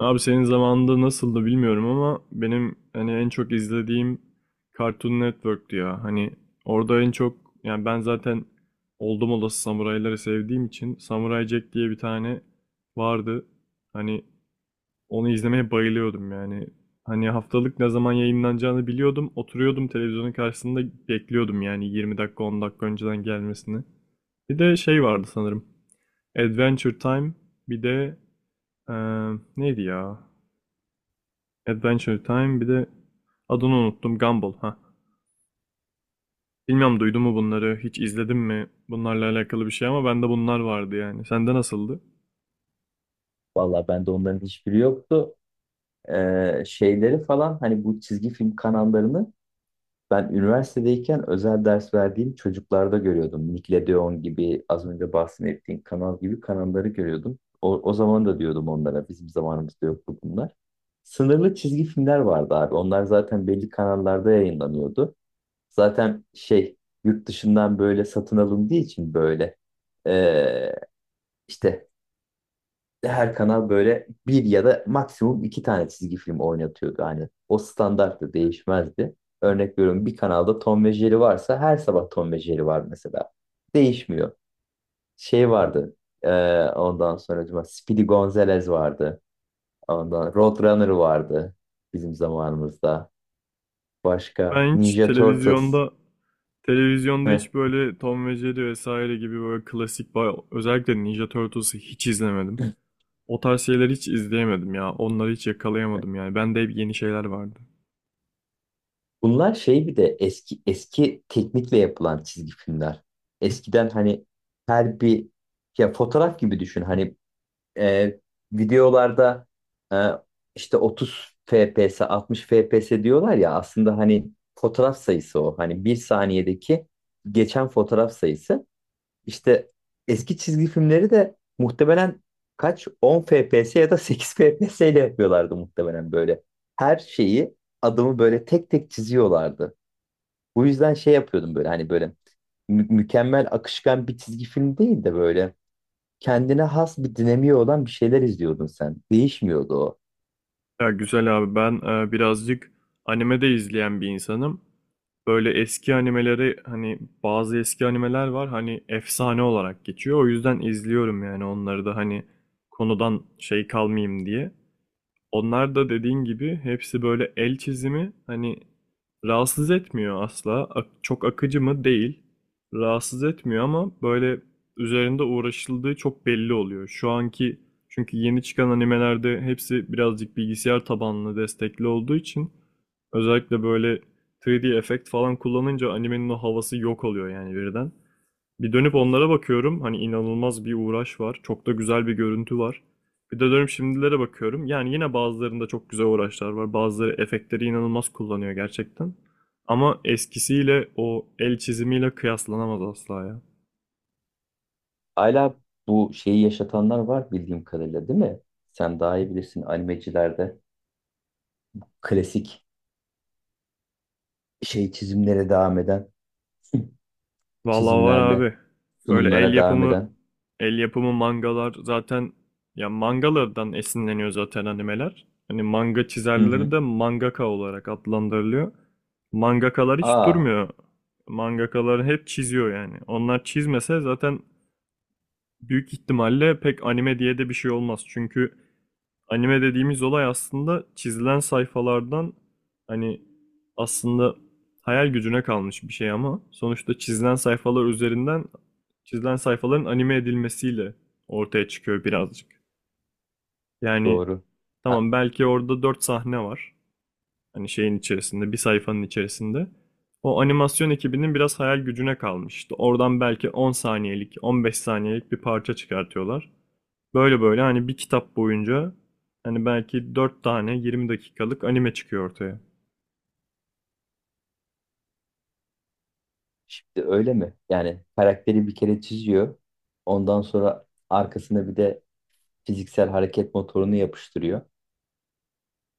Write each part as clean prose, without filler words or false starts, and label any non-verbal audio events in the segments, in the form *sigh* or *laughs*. Abi senin zamanında nasıldı bilmiyorum ama benim en çok izlediğim Cartoon Network'tü ya. Orada en çok, ben zaten oldum olası samurayları sevdiğim için Samurai Jack diye bir tane vardı. Hani Onu izlemeye bayılıyordum yani. Hani haftalık ne zaman yayınlanacağını biliyordum. Oturuyordum televizyonun karşısında, bekliyordum yani 20 dakika 10 dakika önceden gelmesini. Bir de şey vardı sanırım. Adventure Time bir de eee, neydi ya? Adventure Time bir de adını unuttum, Gumball ha. Bilmiyorum, duydun mu bunları, hiç izledin mi bunlarla alakalı bir şey, ama bende bunlar vardı yani. Sende nasıldı? Vallahi bende onların hiçbiri yoktu. Şeyleri falan hani bu çizgi film kanallarını ben üniversitedeyken özel ders verdiğim çocuklarda görüyordum. Nickelodeon gibi az önce bahsettiğim kanal gibi kanalları görüyordum. O zaman da diyordum onlara bizim zamanımızda yoktu bunlar. Sınırlı çizgi filmler vardı abi. Onlar zaten belli kanallarda yayınlanıyordu. Zaten şey yurt dışından böyle satın alındığı için böyle ee, işte her kanal böyle bir ya da maksimum iki tane çizgi film oynatıyordu. Hani o standarttı, değişmezdi. Örnek veriyorum, bir kanalda Tom ve Jerry varsa her sabah Tom ve Jerry var mesela. Değişmiyor. Şey vardı. e, ondan sonra acaba Speedy Gonzales vardı. Ondan Roadrunner vardı bizim zamanımızda. Başka Ben hiç Ninja Turtles. televizyonda, Heh. hiç böyle Tom ve Jerry vesaire gibi böyle klasik özellikle Ninja Turtles'ı hiç izlemedim. O tarz şeyleri hiç izleyemedim ya. Onları hiç yakalayamadım yani. Bende hep yeni şeyler vardı. Bunlar şey, bir de eski eski teknikle yapılan çizgi filmler. Eskiden hani her bir, ya fotoğraf gibi düşün. Hani e, videolarda e, işte 30 FPS, 60 FPS diyorlar ya, aslında hani fotoğraf sayısı o. Hani bir saniyedeki geçen fotoğraf sayısı. İşte eski çizgi filmleri de muhtemelen kaç 10 FPS ya da 8 FPS ile yapıyorlardı muhtemelen böyle. Her şeyi, adımı böyle tek tek çiziyorlardı. Bu yüzden şey yapıyordum böyle, hani böyle mükemmel akışkan bir çizgi film değil de böyle kendine has bir dinamiği olan bir şeyler izliyordun sen. Değişmiyordu o. Ya güzel abi, ben birazcık anime de izleyen bir insanım. Böyle eski animeleri, hani bazı eski animeler var hani efsane olarak geçiyor. O yüzden izliyorum yani onları da, hani konudan şey kalmayayım diye. Onlar da dediğin gibi hepsi böyle el çizimi, hani rahatsız etmiyor asla. Çok akıcı mı? Değil. Rahatsız etmiyor, ama böyle üzerinde uğraşıldığı çok belli oluyor. Şu anki, çünkü yeni çıkan animelerde hepsi birazcık bilgisayar tabanlı destekli olduğu için, özellikle böyle 3D efekt falan kullanınca animenin o havası yok oluyor yani birden. Bir dönüp onlara bakıyorum. Hani inanılmaz bir uğraş var. Çok da güzel bir görüntü var. Bir de dönüp şimdilere bakıyorum. Yani yine bazılarında çok güzel uğraşlar var. Bazıları efektleri inanılmaz kullanıyor gerçekten. Ama eskisiyle, o el çizimiyle kıyaslanamaz asla ya. Hala bu şeyi yaşatanlar var bildiğim kadarıyla, değil mi? Sen daha iyi bilirsin, animecilerde klasik şey çizimlere devam eden *laughs* Vallahi var çizimlerle abi. Böyle sunumlara devam eden. el yapımı mangalar zaten, ya mangalardan esinleniyor zaten animeler. Hani manga Hı çizerleri hı. de mangaka olarak adlandırılıyor. Mangakalar hiç Aa, durmuyor. Mangakalar hep çiziyor yani. Onlar çizmese zaten büyük ihtimalle pek anime diye de bir şey olmaz. Çünkü anime dediğimiz olay aslında çizilen sayfalardan, hani aslında hayal gücüne kalmış bir şey ama sonuçta çizilen sayfalar üzerinden, çizilen sayfaların anime edilmesiyle ortaya çıkıyor birazcık. Yani doğru. Ha, tamam, belki orada 4 sahne var. Hani şeyin içerisinde, bir sayfanın içerisinde. O animasyon ekibinin biraz hayal gücüne kalmış. İşte oradan belki 10 saniyelik, 15 saniyelik bir parça çıkartıyorlar. Böyle böyle hani bir kitap boyunca hani belki 4 tane 20 dakikalık anime çıkıyor ortaya. şimdi öyle mi? Yani karakteri bir kere çiziyor. Ondan sonra arkasına bir de fiziksel hareket motorunu yapıştırıyor.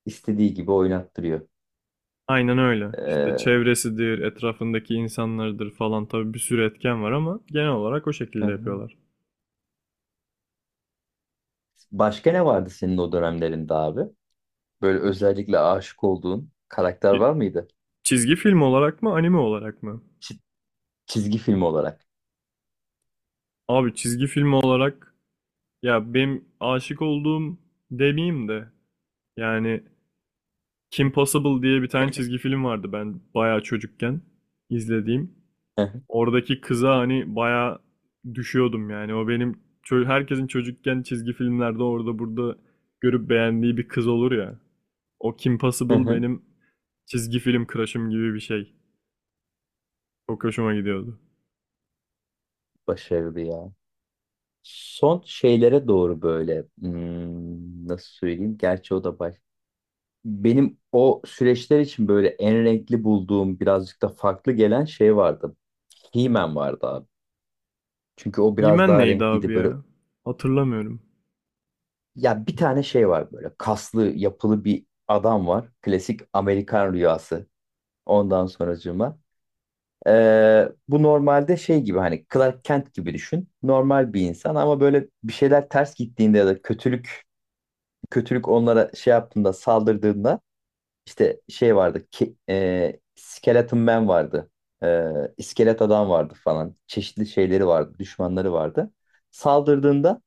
İstediği gibi oynattırıyor. Aynen öyle. İşte Ee, çevresidir, etrafındaki insanlardır falan, tabii bir sürü etken var ama genel olarak o hı şekilde hı. yapıyorlar. Başka ne vardı senin o dönemlerinde abi? Böyle özellikle aşık olduğun karakter Ki- var mıydı? Çizgi film olarak mı, anime olarak mı? Çi- çizgi film olarak. Abi çizgi film olarak, ya benim aşık olduğum demeyeyim de, yani Kim Possible diye bir tane çizgi film vardı ben bayağı çocukken izlediğim. Hı hı, Oradaki kıza hani bayağı düşüyordum yani. O benim, herkesin çocukken çizgi filmlerde orada burada görüp beğendiği bir kız olur ya. O Kim hı Possible hı. benim çizgi film crush'ım gibi bir şey. Çok hoşuma gidiyordu. Başarılı ya. Son şeylere doğru böyle, nasıl söyleyeyim? Gerçi o da baş. Benim o süreçler için böyle en renkli bulduğum, birazcık da farklı gelen şey vardı. He-Man vardı abi. Çünkü o biraz He-Man daha neydi abi renkliydi. Böyle, ya? Hatırlamıyorum. ya bir tane şey var, böyle kaslı yapılı bir adam var. Klasik Amerikan rüyası. Ondan sonracığıma. Bu normalde şey gibi, hani Clark Kent gibi düşün. Normal bir insan ama böyle bir şeyler ters gittiğinde ya da kötülük onlara şey yaptığında, saldırdığında, işte şey vardı ki, Skeleton Man vardı. Ee, iskelet adam vardı falan. Çeşitli şeyleri vardı, düşmanları vardı. Saldırdığında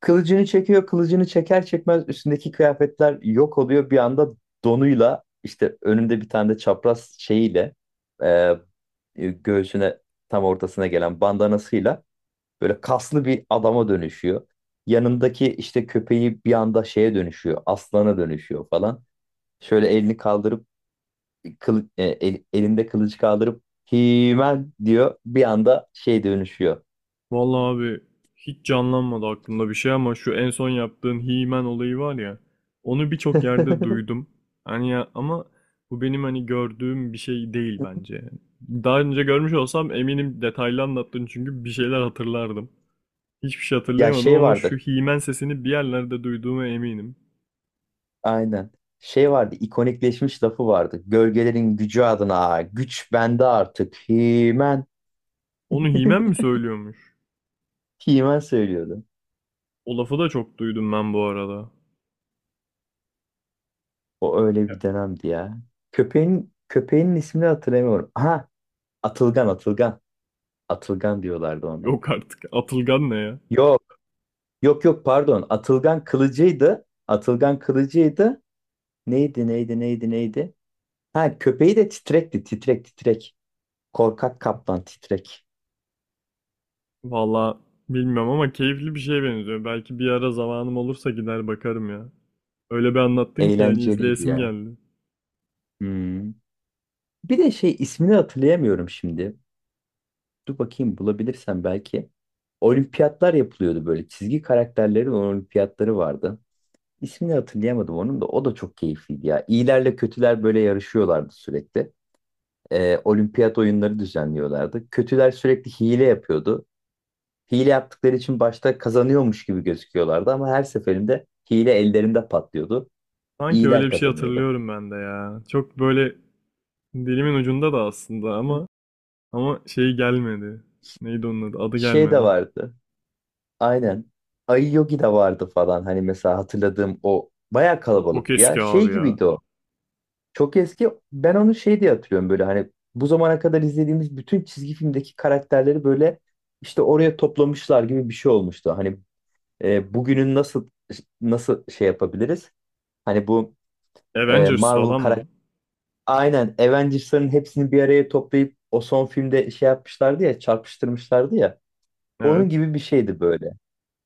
kılıcını çekiyor, kılıcını çeker çekmez üstündeki kıyafetler yok oluyor. Bir anda donuyla, işte önünde bir tane de çapraz şeyiyle, e, göğsüne tam ortasına gelen bandanasıyla böyle kaslı bir adama dönüşüyor. Yanındaki işte köpeği bir anda şeye dönüşüyor, aslana dönüşüyor falan. Şöyle elini kaldırıp, elinde kılıcı kaldırıp Himen diyor, bir anda şey dönüşüyor. Vallahi abi hiç canlanmadı aklımda bir şey ama şu en son yaptığın He-Man olayı var ya, onu birçok yerde *laughs* duydum. Hani ya, ama bu benim hani gördüğüm bir şey değil bence. Daha önce görmüş olsam eminim, detaylı anlattın çünkü bir şeyler hatırlardım. Hiçbir şey Ya hatırlayamadım şey ama şu vardır. He-Man sesini bir yerlerde duyduğuma eminim. Aynen. Şey vardı, ikonikleşmiş lafı vardı. Gölgelerin gücü adına güç bende artık. Himen. Onu He-Man mi *laughs* söylüyormuş? Himen söylüyordu. O lafı da çok duydum ben bu arada. O öyle Ya, bir dönemdi ya. Köpeğin ismini hatırlamıyorum. Aha, Atılgan, Atılgan. Atılgan diyorlardı ona. yok artık. Atılgan ne ya? Yok, yok yok, pardon. Atılgan kılıcıydı. Atılgan kılıcıydı. Neydi, neydi, neydi, neydi? Ha, köpeği de titrekti, titrek, titrek. Korkak kaplan Titrek. Valla bilmiyorum ama keyifli bir şeye benziyor. Belki bir ara zamanım olursa gider bakarım ya. Öyle bir anlattın ki yani Eğlenceliydi izleyesim ya. geldi. Hmm. Bir de şey, ismini hatırlayamıyorum şimdi. Dur bakayım, bulabilirsem belki. Olimpiyatlar yapılıyordu böyle. Çizgi karakterlerin olimpiyatları vardı. İsmini hatırlayamadım onun da. O da çok keyifliydi ya. İyilerle kötüler böyle yarışıyorlardı sürekli. Olimpiyat oyunları düzenliyorlardı. Kötüler sürekli hile yapıyordu. Hile yaptıkları için başta kazanıyormuş gibi gözüküyorlardı ama her seferinde hile ellerinde patlıyordu. Sanki öyle İyiler bir şey kazanıyordu. hatırlıyorum ben de ya. Çok böyle dilimin ucunda da aslında ama, şey gelmedi. Neydi onun adı? Adı Şey de gelmedi. vardı. Aynen. Ayı Yogi de vardı falan. Hani mesela hatırladığım, o bayağı O çok kalabalıktı ya. eski abi Şey ya. gibiydi o. Çok eski. Ben onu şey diye hatırlıyorum, böyle hani bu zamana kadar izlediğimiz bütün çizgi filmdeki karakterleri böyle işte oraya toplamışlar gibi bir şey olmuştu. Hani bugünün, nasıl şey yapabiliriz? Hani bu Avengers Marvel falan karakter, mı? aynen Avengers'ların hepsini bir araya toplayıp o son filmde şey yapmışlardı ya, çarpıştırmışlardı ya. Onun Evet. gibi bir şeydi böyle.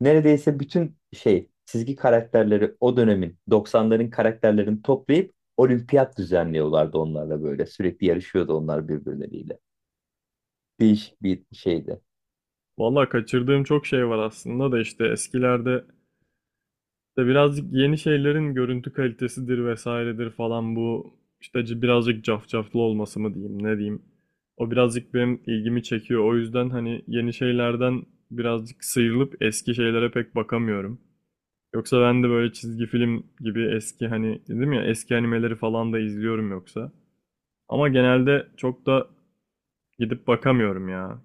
Neredeyse bütün şey çizgi karakterleri, o dönemin, doksanların karakterlerini toplayıp olimpiyat düzenliyorlardı onlarla böyle. Sürekli yarışıyordu onlar birbirleriyle. Değişik bir şeydi. Valla kaçırdığım çok şey var aslında da, işte eskilerde, İşte birazcık yeni şeylerin görüntü kalitesidir vesairedir falan, bu işte birazcık cafcaflı olması mı diyeyim ne diyeyim. O birazcık benim ilgimi çekiyor. O yüzden hani yeni şeylerden birazcık sıyrılıp eski şeylere pek bakamıyorum. Yoksa ben de böyle çizgi film gibi eski, hani dedim ya eski animeleri falan da izliyorum yoksa. Ama genelde çok da gidip bakamıyorum ya.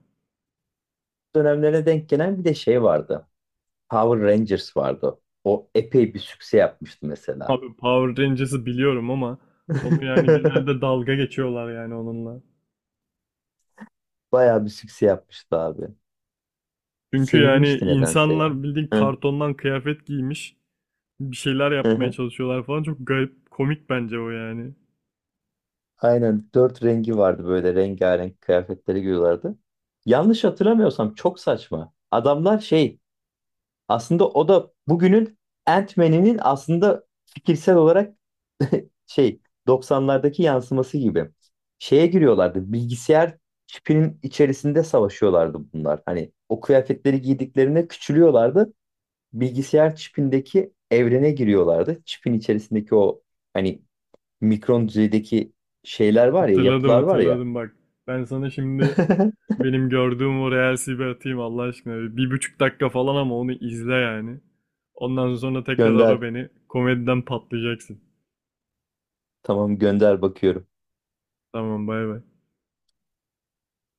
Dönemlere denk gelen bir de şey vardı. Power Rangers vardı. O epey bir sükse yapmıştı mesela. Abi Power Rangers'ı biliyorum ama onu yani genelde *laughs* dalga geçiyorlar yani onunla. Bayağı bir sükse yapmıştı abi. Çünkü yani Sevilmişti nedense ya. insanlar bildiğin kartondan kıyafet giymiş, bir şeyler yapmaya *laughs* çalışıyorlar falan. Çok garip, komik bence o yani. Aynen dört rengi vardı, böyle rengarenk kıyafetleri giyiyorlardı. Yanlış hatırlamıyorsam çok saçma. Adamlar şey, aslında o da bugünün Ant-Man'inin aslında fikirsel olarak şey, 90'lardaki yansıması gibi. Şeye giriyorlardı, bilgisayar çipinin içerisinde savaşıyorlardı bunlar. Hani o kıyafetleri giydiklerinde küçülüyorlardı. Bilgisayar çipindeki evrene giriyorlardı. Çipin içerisindeki o, hani mikron düzeydeki şeyler var ya, yapılar var ya. Hatırladım bak. Ben sana şimdi *laughs* benim gördüğüm o Reels'i bir atayım Allah aşkına. Bir buçuk dakika falan ama onu izle yani. Ondan sonra tekrar ara Gönder. beni. Komediden patlayacaksın. Tamam, gönder, bakıyorum. Tamam bay bay.